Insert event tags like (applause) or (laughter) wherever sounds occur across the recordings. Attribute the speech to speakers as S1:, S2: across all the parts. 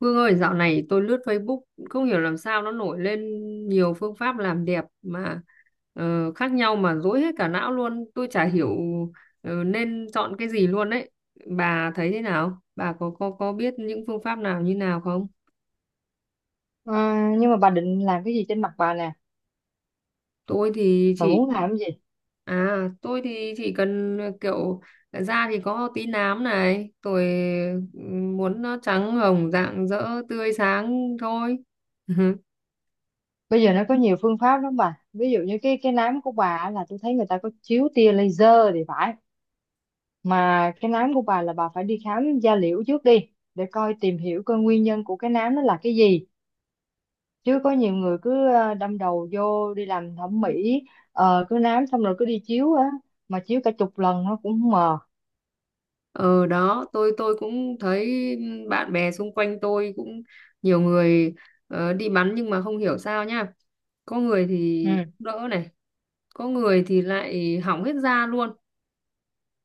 S1: Vương ơi, dạo này tôi lướt Facebook không hiểu làm sao nó nổi lên nhiều phương pháp làm đẹp mà khác nhau mà rối hết cả não luôn. Tôi chả hiểu nên chọn cái gì luôn đấy. Bà thấy thế nào? Bà có biết những phương pháp nào như nào không?
S2: Ờ, nhưng mà bà định làm cái gì trên mặt bà nè?
S1: Tôi thì
S2: Bà
S1: chỉ
S2: muốn làm cái gì?
S1: tôi thì chỉ cần kiểu da thì có tí nám này, tôi muốn nó trắng hồng rạng rỡ tươi sáng thôi. (laughs)
S2: Bây giờ nó có nhiều phương pháp lắm bà, ví dụ như cái nám của bà á, là tôi thấy người ta có chiếu tia laser thì phải. Mà cái nám của bà là bà phải đi khám da liễu trước đi, để coi tìm hiểu coi nguyên nhân của cái nám nó là cái gì. Chứ có nhiều người cứ đâm đầu vô đi làm thẩm mỹ, cứ nám xong rồi cứ đi chiếu á, mà chiếu cả chục lần nó cũng không mờ.
S1: Ờ đó, tôi cũng thấy bạn bè xung quanh tôi cũng nhiều người đi bắn nhưng mà không hiểu sao nhá. Có người thì
S2: Ừ,
S1: đỡ này, có người thì lại hỏng hết da luôn,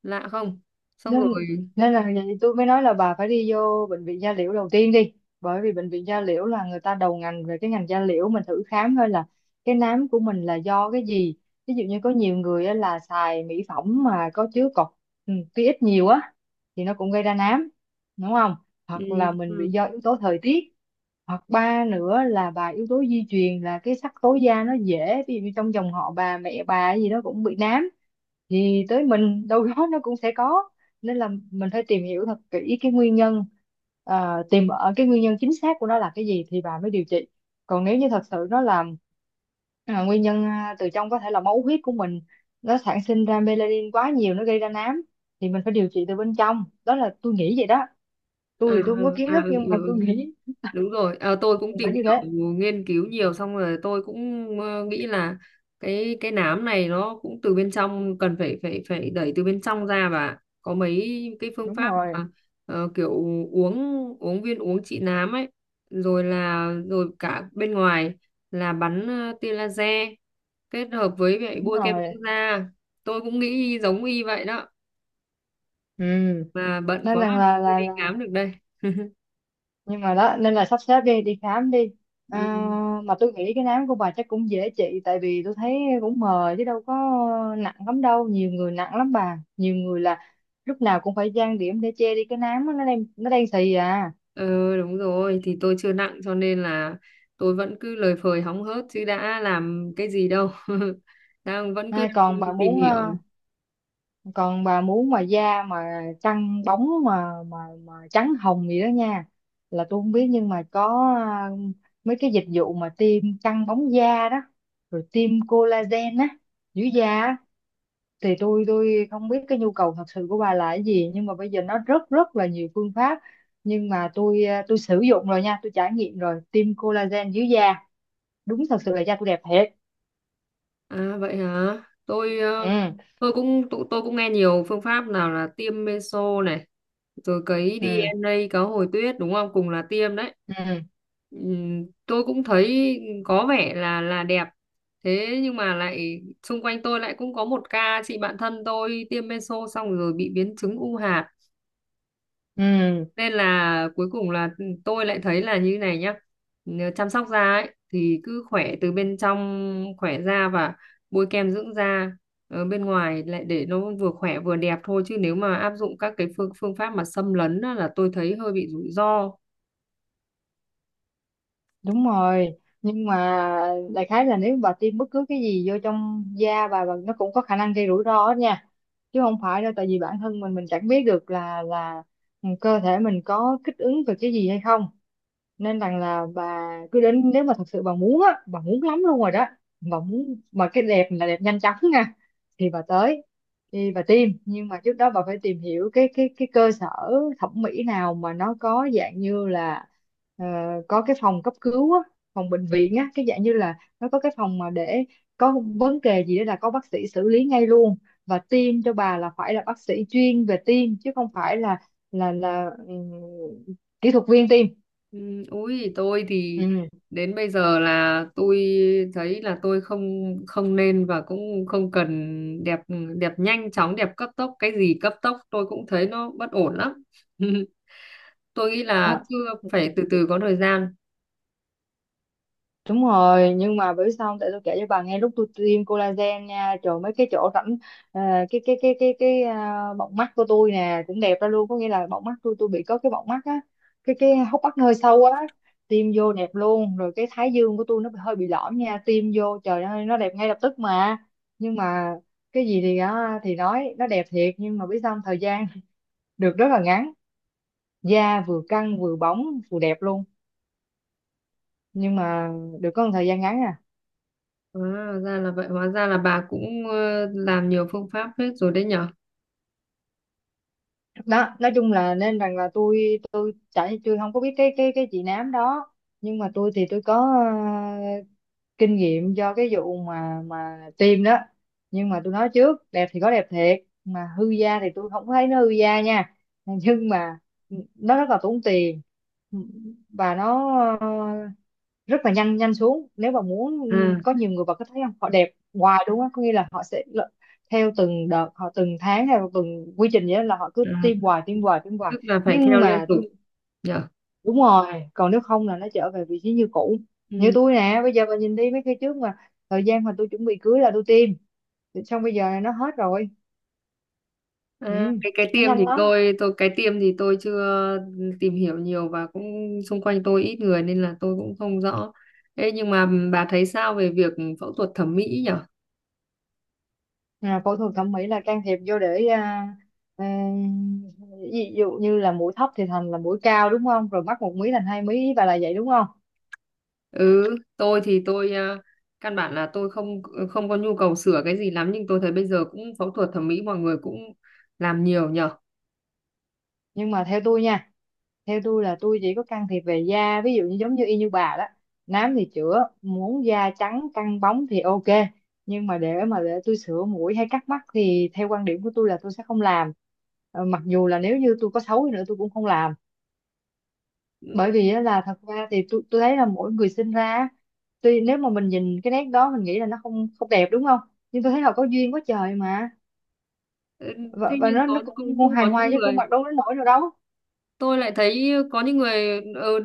S1: lạ không? Xong
S2: nên
S1: rồi,
S2: nên là vậy tôi mới nói là bà phải đi vô bệnh viện da liễu đầu tiên đi, bởi vì bệnh viện da liễu là người ta đầu ngành về cái ngành da liễu, mình thử khám thôi là cái nám của mình là do cái gì. Ví dụ như có nhiều người á là xài mỹ phẩm mà có chứa cọc, ừ, tia ít nhiều á, thì nó cũng gây ra nám, đúng không?
S1: ừ,
S2: Hoặc là mình
S1: ừ.
S2: bị do yếu tố thời tiết, hoặc ba nữa là bà yếu tố di truyền, là cái sắc tố da nó dễ, ví dụ như trong dòng họ bà mẹ bà gì đó cũng bị nám thì tới mình đâu đó nó cũng sẽ có. Nên là mình phải tìm hiểu thật kỹ cái nguyên nhân, à, tìm ở cái nguyên nhân chính xác của nó là cái gì thì bà mới điều trị. Còn nếu như thật sự nó là à, nguyên nhân à, từ trong, có thể là máu huyết của mình nó sản sinh ra melanin quá nhiều nó gây ra nám, thì mình phải điều trị từ bên trong, đó là tôi nghĩ vậy đó.
S1: À,
S2: Tôi thì tôi không có
S1: ừ,
S2: kiến
S1: à,
S2: thức
S1: ừ, ừ.
S2: nhưng mà
S1: Ừ.
S2: tôi nghĩ
S1: Đúng rồi, à, tôi cũng tìm
S2: phải như thế.
S1: hiểu nghiên cứu nhiều xong rồi tôi cũng nghĩ là cái nám này nó cũng từ bên trong, cần phải phải phải đẩy từ bên trong ra, và có mấy cái phương
S2: Đúng
S1: pháp
S2: rồi.
S1: mà kiểu uống uống viên uống trị nám ấy, rồi là rồi cả bên ngoài là bắn tia laser kết hợp với vậy
S2: Đúng
S1: bôi kem
S2: rồi.
S1: dưỡng da. Tôi cũng nghĩ giống y vậy đó,
S2: Ừ,
S1: mà bận
S2: nên
S1: quá
S2: rằng là
S1: chưa
S2: là,
S1: đi
S2: là
S1: khám được đây. (laughs)
S2: nhưng mà đó, nên là sắp xếp đi đi khám đi, à,
S1: Ừ.
S2: mà tôi nghĩ cái nám của bà chắc cũng dễ trị tại vì tôi thấy cũng mờ chứ đâu có nặng lắm đâu. Nhiều người nặng lắm bà, nhiều người là lúc nào cũng phải trang điểm để che đi cái nám á, nó đang xì à.
S1: Ừ đúng rồi, thì tôi chưa nặng cho nên là tôi vẫn cứ lời phời hóng hớt chứ đã làm cái gì đâu. (laughs) Vẫn cứ
S2: Nay còn
S1: đang
S2: bà
S1: tìm
S2: muốn
S1: hiểu.
S2: còn bà muốn mà da mà căng bóng mà trắng hồng gì đó nha, là tôi không biết nhưng mà có ờ, mấy cái dịch vụ mà tiêm căng bóng da đó, rồi tiêm collagen á, giữ da á, thì tôi không biết cái nhu cầu thật sự của bà là cái gì, nhưng mà bây giờ nó rất rất là nhiều phương pháp. Nhưng mà tôi à, tôi sử dụng rồi nha, tôi trải nghiệm rồi tiêm collagen dưới da, đúng thật sự là da tôi đẹp thiệt.
S1: À vậy hả, tôi
S2: Ừ.
S1: ờ, tôi cũng nghe nhiều phương pháp nào là tiêm meso này, rồi cấy
S2: Ừ.
S1: DNA cá hồi tuyết, đúng không, cùng là tiêm đấy.
S2: Ừ.
S1: Tôi cũng thấy có vẻ là đẹp, thế nhưng mà lại xung quanh tôi lại cũng có một ca chị bạn thân tôi tiêm meso xong rồi bị biến chứng u hạt,
S2: Ừ,
S1: nên là cuối cùng là tôi lại thấy là như này nhá. Nếu chăm sóc da ấy thì cứ khỏe từ bên trong, khỏe da và bôi kem dưỡng da ở bên ngoài lại để nó vừa khỏe vừa đẹp thôi, chứ nếu mà áp dụng các cái phương phương pháp mà xâm lấn á, là tôi thấy hơi bị rủi ro.
S2: đúng rồi. Nhưng mà đại khái là nếu bà tiêm bất cứ cái gì vô trong da bà nó cũng có khả năng gây rủi ro hết nha, chứ không phải đâu, tại vì bản thân mình chẳng biết được là ừ, cơ thể mình có kích ứng về cái gì hay không. Nên rằng là bà cứ đến, nếu mà thật sự bà muốn á, bà muốn lắm luôn rồi đó, bà muốn mà cái đẹp là đẹp nhanh chóng nha, thì bà tới đi, bà tìm, nhưng mà trước đó bà phải tìm hiểu cái cái cơ sở thẩm mỹ nào mà nó có dạng như là ờ, có cái phòng cấp cứu á, phòng bệnh viện á, cái dạng như là nó có cái phòng mà để có vấn đề gì đó là có bác sĩ xử lý ngay luôn. Và tiêm cho bà là phải là bác sĩ chuyên về tiêm chứ không phải là là kỹ thuật viên tiêm.
S1: Ừ, ui tôi thì
S2: Ừ.
S1: đến bây giờ là tôi thấy là tôi không không nên và cũng không cần đẹp, đẹp nhanh chóng, đẹp cấp tốc, cái gì cấp tốc tôi cũng thấy nó bất ổn lắm. (laughs) Tôi nghĩ
S2: Đó.
S1: là cứ phải từ từ có thời gian.
S2: Đúng rồi. Nhưng mà bởi sao không? Tại tôi kể cho bà nghe, lúc tôi tiêm collagen nha, trời, mấy cái chỗ rãnh à, cái à, bọng mắt của tôi nè cũng đẹp ra luôn. Có nghĩa là bọng mắt tôi bị có cái bọng mắt á, cái hốc mắt hơi sâu á, tiêm vô đẹp luôn. Rồi cái thái dương của tôi nó hơi bị lõm nha, tiêm vô trời ơi nó đẹp ngay lập tức. Mà nhưng mà cái gì thì á, thì nói nó đẹp thiệt, nhưng mà biết sao không? Thời gian (laughs) được rất là ngắn. Da vừa căng vừa bóng vừa đẹp luôn, nhưng mà được có một thời gian ngắn à.
S1: À, ra là vậy, hóa ra là bà cũng làm nhiều phương pháp hết rồi đấy nhở.
S2: Đó, nói chung là, nên rằng là tôi chả, tôi không có biết cái cái chị nám đó, nhưng mà tôi thì tôi có kinh nghiệm do cái vụ mà tiêm đó. Nhưng mà tôi nói trước, đẹp thì có đẹp thiệt, mà hư da thì tôi không thấy nó hư da nha (laughs) nhưng mà nó rất là tốn tiền, và nó ờ, rất là nhanh, nhanh xuống nếu mà muốn.
S1: À,
S2: Có nhiều người vào có thấy không, họ đẹp hoài, đúng không? Có nghĩa là họ sẽ theo từng đợt, họ từng tháng hay từng quy trình vậy đó, là họ cứ
S1: à
S2: tiêm hoài, tiêm hoài, tiêm hoài.
S1: tức là phải theo
S2: Nhưng
S1: liên
S2: mà
S1: tục
S2: tôi,
S1: nhở.
S2: đúng rồi, còn nếu không là nó trở về vị trí như cũ. Như
S1: Ừ.
S2: tôi nè, bây giờ bà nhìn đi, mấy cái trước mà thời gian mà tôi chuẩn bị cưới là tôi tiêm, thì xong bây giờ là nó hết rồi. Ừ,
S1: À, cái
S2: nó
S1: tiêm
S2: nhanh
S1: thì
S2: lắm.
S1: tôi chưa tìm hiểu nhiều và cũng xung quanh tôi ít người nên là tôi cũng không rõ. Ê, nhưng mà bà thấy sao về việc phẫu thuật thẩm mỹ nhỉ?
S2: À, phẫu thuật thẩm mỹ là can thiệp vô để à, à, ví dụ như là mũi thấp thì thành là mũi cao, đúng không? Rồi mắc một mí thành hai mí và là vậy, đúng không?
S1: Ừ, tôi thì tôi căn bản là tôi không có nhu cầu sửa cái gì lắm, nhưng tôi thấy bây giờ cũng phẫu thuật thẩm mỹ mọi người cũng làm nhiều nhở.
S2: Nhưng mà theo tôi nha, theo tôi là tôi chỉ có can thiệp về da, ví dụ như giống như y như bà đó, nám thì chữa, muốn da trắng căng bóng thì ok. Nhưng mà để tôi sửa mũi hay cắt mắt thì theo quan điểm của tôi là tôi sẽ không làm. Ờ, mặc dù là nếu như tôi có xấu đi nữa tôi cũng không làm,
S1: Ừ,
S2: bởi vì á, là thật ra thì tôi thấy là mỗi người sinh ra á, tuy nếu mà mình nhìn cái nét đó mình nghĩ là nó không không đẹp đúng không, nhưng tôi thấy là có duyên quá trời mà.
S1: ừ. Thế
S2: Và
S1: nhưng
S2: nó
S1: có cũng
S2: cũng
S1: cũng
S2: hài
S1: có
S2: hòa
S1: những
S2: chứ cũng
S1: người,
S2: mặc đâu đến nỗi nào đâu.
S1: tôi lại thấy có những người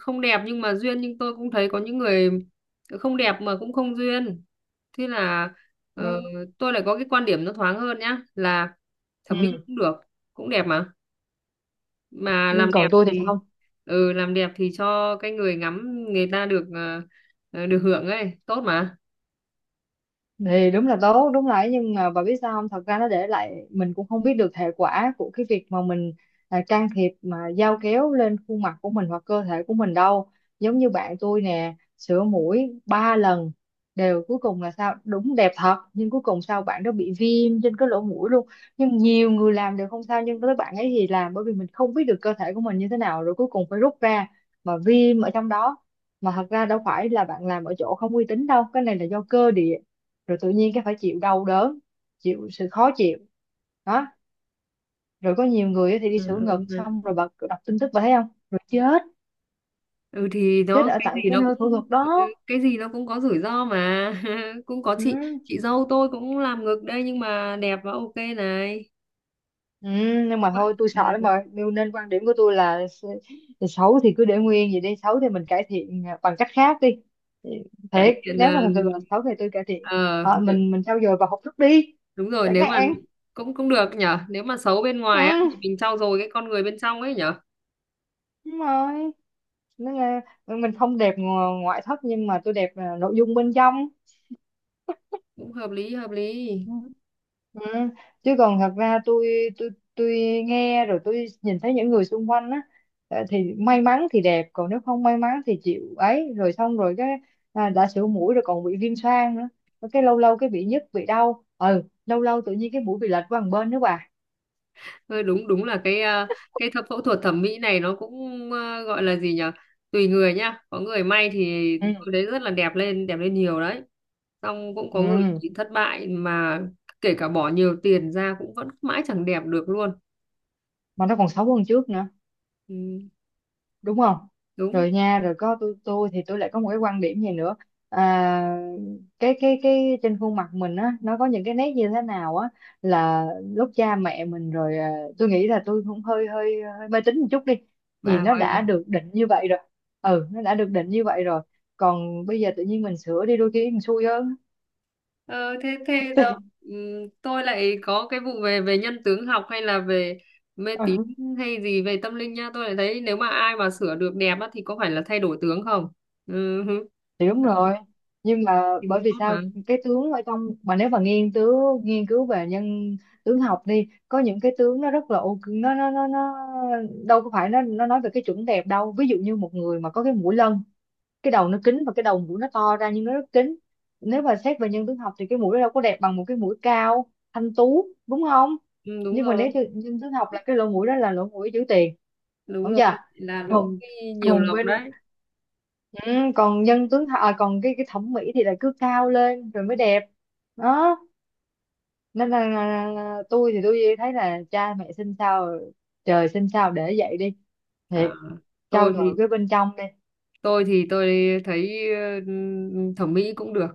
S1: không đẹp nhưng mà duyên, nhưng tôi cũng thấy có những người không đẹp mà cũng không duyên. Thế là ờ,
S2: Ừ.
S1: tôi lại có cái quan điểm nó thoáng hơn nhá, là thẩm mỹ cũng được, cũng đẹp mà. Mà
S2: Ừ,
S1: làm đẹp
S2: còn tôi thì
S1: thì
S2: không.
S1: ừ làm đẹp thì cho cái người ngắm, người ta được được hưởng ấy, tốt mà.
S2: Thì đúng là tốt, đúng là ấy, nhưng mà bà biết sao không, thật ra nó để lại mình cũng không biết được hệ quả của cái việc mà mình à, can thiệp mà dao kéo lên khuôn mặt của mình hoặc cơ thể của mình đâu. Giống như bạn tôi nè, sửa mũi ba lần đều, cuối cùng là sao? Đúng đẹp thật, nhưng cuối cùng sao, bạn đó bị viêm trên cái lỗ mũi luôn. Nhưng nhiều người làm đều không sao, nhưng tới bạn ấy thì làm, bởi vì mình không biết được cơ thể của mình như thế nào, rồi cuối cùng phải rút ra mà viêm ở trong đó. Mà thật ra đâu phải là bạn làm ở chỗ không uy tín đâu, cái này là do cơ địa. Rồi tự nhiên cái phải chịu đau đớn, chịu sự khó chịu, đó. Rồi có nhiều người á thì đi
S1: Ừ,
S2: sửa ngực,
S1: ừ. Ừ.
S2: xong rồi bật đọc tin tức và thấy không, rồi chết,
S1: Ừ, thì
S2: chết
S1: nó
S2: ở
S1: cái
S2: tại
S1: gì
S2: cái
S1: nó
S2: nơi
S1: cũng
S2: phẫu thuật
S1: ừ,
S2: đó.
S1: cái gì nó cũng có rủi ro mà. (laughs) Cũng có
S2: Ừ.
S1: chị dâu tôi cũng làm ngực đây nhưng mà đẹp và ok này.
S2: Ừ, nhưng
S1: Thế
S2: mà
S1: vậy,
S2: thôi tôi sợ lắm
S1: ừ,
S2: rồi, nên nên quan điểm của tôi là xấu thì cứ để nguyên vậy đi, xấu thì mình cải thiện à, bằng cách khác đi.
S1: cải
S2: Thiệt,
S1: thiện
S2: nếu mà thật sự là xấu thì tôi cải thiện.
S1: ờ,
S2: Ờ,
S1: nếu-
S2: mình trau dồi và học thức đi,
S1: đúng rồi,
S2: chẳng
S1: nếu mà
S2: hạn.
S1: cũng cũng được nhở, nếu mà xấu bên ngoài á thì
S2: Ừ,
S1: mình trau dồi cái con người bên trong ấy nhở.
S2: đúng rồi, nên là mình không đẹp ngoại thất nhưng mà tôi đẹp à, nội dung bên trong.
S1: Cũng hợp lý, hợp lý.
S2: Ừ. Ừ. Chứ còn thật ra tôi tôi nghe rồi tôi nhìn thấy những người xung quanh á, ờ, thì may mắn thì đẹp, còn nếu không may mắn thì chịu ấy, rồi xong rồi cái à, đã sửa mũi rồi còn bị viêm xoang nữa. Rồi cái lâu lâu cái bị nhức bị đau, ừ, lâu lâu tự nhiên cái mũi bị lệch qua một bên nữa bà.
S1: Thôi đúng, đúng là cái, phẫu thuật thẩm mỹ này nó cũng gọi là gì nhỉ? Tùy người nhá. Có người may thì tôi
S2: Ừ.
S1: thấy rất là đẹp lên nhiều đấy. Xong cũng có người
S2: Ừ,
S1: chỉ thất bại, mà kể cả bỏ nhiều tiền ra cũng vẫn mãi chẳng đẹp được luôn.
S2: mà nó còn xấu hơn trước nữa,
S1: Ừ,
S2: đúng không?
S1: đúng.
S2: Rồi nha, rồi có tôi thì tôi lại có một cái quan điểm gì nữa, à, cái trên khuôn mặt mình á, nó có những cái nét như thế nào á, là lúc cha mẹ mình rồi à, tôi nghĩ là tôi cũng hơi hơi hơi mê tín một chút đi, thì
S1: Bà
S2: nó
S1: gọi là
S2: đã được định như vậy rồi. Ừ, nó đã được định như vậy rồi, còn bây giờ tự nhiên mình sửa đi đôi khi mình xui hơn.
S1: ờ, thế thế đâu. Ừ, tôi lại có cái vụ về về nhân tướng học hay là về mê tín
S2: (laughs)
S1: hay gì về tâm linh nha. Tôi lại thấy nếu mà ai mà sửa được đẹp á, thì có phải là thay đổi tướng không?
S2: Thì đúng
S1: Ừ,
S2: rồi, nhưng mà
S1: thì
S2: bởi
S1: cũng
S2: vì
S1: tốt
S2: sao,
S1: mà.
S2: cái tướng ở trong mà nếu mà nghiên cứu về nhân tướng học đi, có những cái tướng nó rất là ok, nó đâu có phải, nó nói về cái chuẩn đẹp đâu, ví dụ như một người mà có cái mũi lân, cái đầu nó kính và cái đầu mũi nó to ra nhưng nó rất kính. Nếu mà xét về nhân tướng học thì cái mũi nó đâu có đẹp bằng một cái mũi cao thanh tú, đúng không?
S1: Ừ, đúng
S2: Nhưng mà
S1: rồi,
S2: nếu như nhân tướng học là cái lỗ mũi đó là lỗ mũi giữ tiền,
S1: đúng
S2: đúng
S1: rồi,
S2: chưa?
S1: là lỗ
S2: Còn,
S1: cái nhiều
S2: còn
S1: lọc
S2: bên,
S1: đấy.
S2: ừ, còn à, còn cái thẩm mỹ thì là cứ cao lên rồi mới đẹp. Đó, nên là tôi thì tôi thấy là cha mẹ sinh sao, trời sinh sao để vậy đi.
S1: À,
S2: Thiệt, trau
S1: tôi
S2: dồi
S1: thì
S2: cái bên trong đi.
S1: tôi thì tôi thấy ừ, thẩm mỹ cũng được,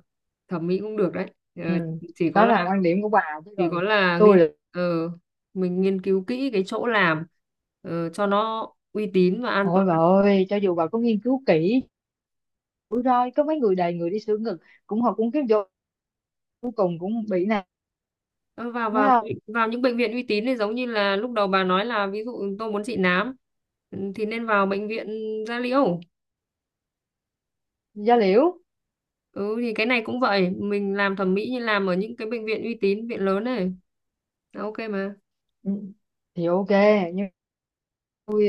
S1: thẩm mỹ cũng được đấy. Ờ,
S2: Ừ.
S1: chỉ có
S2: Đó là
S1: là
S2: quan điểm của bà, chứ
S1: chỉ có
S2: còn
S1: là
S2: tôi
S1: nghiên
S2: là,
S1: ờ, mình nghiên cứu kỹ cái chỗ làm, cho nó uy tín và an toàn.
S2: ôi bà ơi cho dù bà có nghiên cứu kỹ, rủi ro có mấy người, đầy người đi sửa ngực cũng, họ cũng kiếm vô, cuối cùng cũng bị nè,
S1: Ờ, vào
S2: thấy
S1: vào
S2: không.
S1: vào những bệnh viện uy tín thì giống như là lúc đầu bà nói là ví dụ tôi muốn trị nám, ừ, thì nên vào bệnh viện da liễu.
S2: Da liễu.
S1: Ừ thì cái này cũng vậy, mình làm thẩm mỹ như làm ở những cái bệnh viện uy tín, viện lớn này, là ok mà.
S2: Ừ, thì ok. Ui,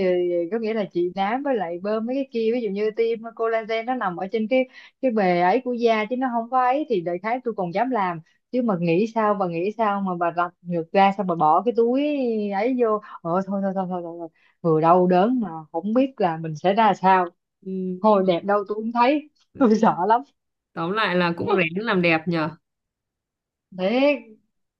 S2: có nghĩa là chị nám với lại bơm mấy cái kia, ví dụ như tiêm collagen, nó nằm ở trên cái bề ấy của da chứ nó không có ấy, thì đại khái tôi còn dám làm. Chứ mà nghĩ sao bà, nghĩ sao mà bà rạch ngược ra xong bà bỏ cái túi ấy vô? Ờ, thôi thôi thôi thôi, thôi, thôi. Vừa đau đớn mà không biết là mình sẽ ra sao.
S1: Ừ.
S2: Thôi đẹp đâu tôi cũng thấy (laughs) tôi sợ lắm.
S1: Tóm lại là cũng rén làm đẹp nhờ.
S2: Thế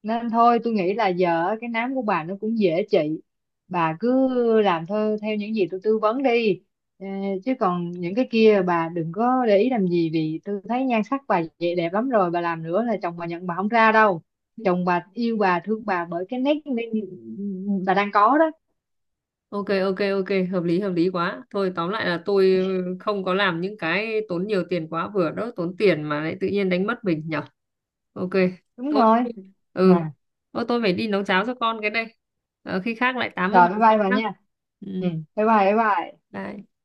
S2: nên thôi tôi nghĩ là giờ á, cái nám của bà nó cũng dễ trị, bà cứ làm thôi theo những gì tôi tư vấn đi. Ờ, chứ còn những cái kia bà đừng có để ý làm gì, vì tôi thấy nhan sắc bà vậy đẹp lắm rồi, bà làm nữa là chồng bà nhận bà không ra đâu. Chồng bà yêu bà thương bà bởi cái nét nên bà đang có đó.
S1: Ok ok ok, hợp lý quá. Thôi tóm lại là tôi không có làm những cái tốn nhiều tiền quá vừa đó, tốn tiền mà lại tự nhiên đánh mất mình nhở. Ok.
S2: Đúng
S1: Tôi,
S2: rồi.
S1: ừ,
S2: À,
S1: Ô, tôi phải đi nấu cháo cho con cái đây. Ờ, khi khác lại tám với
S2: rồi bye
S1: bạn sau
S2: bye bà
S1: nhá.
S2: nha.
S1: Ừ,
S2: Ừ, bye bye bye bye.
S1: bye.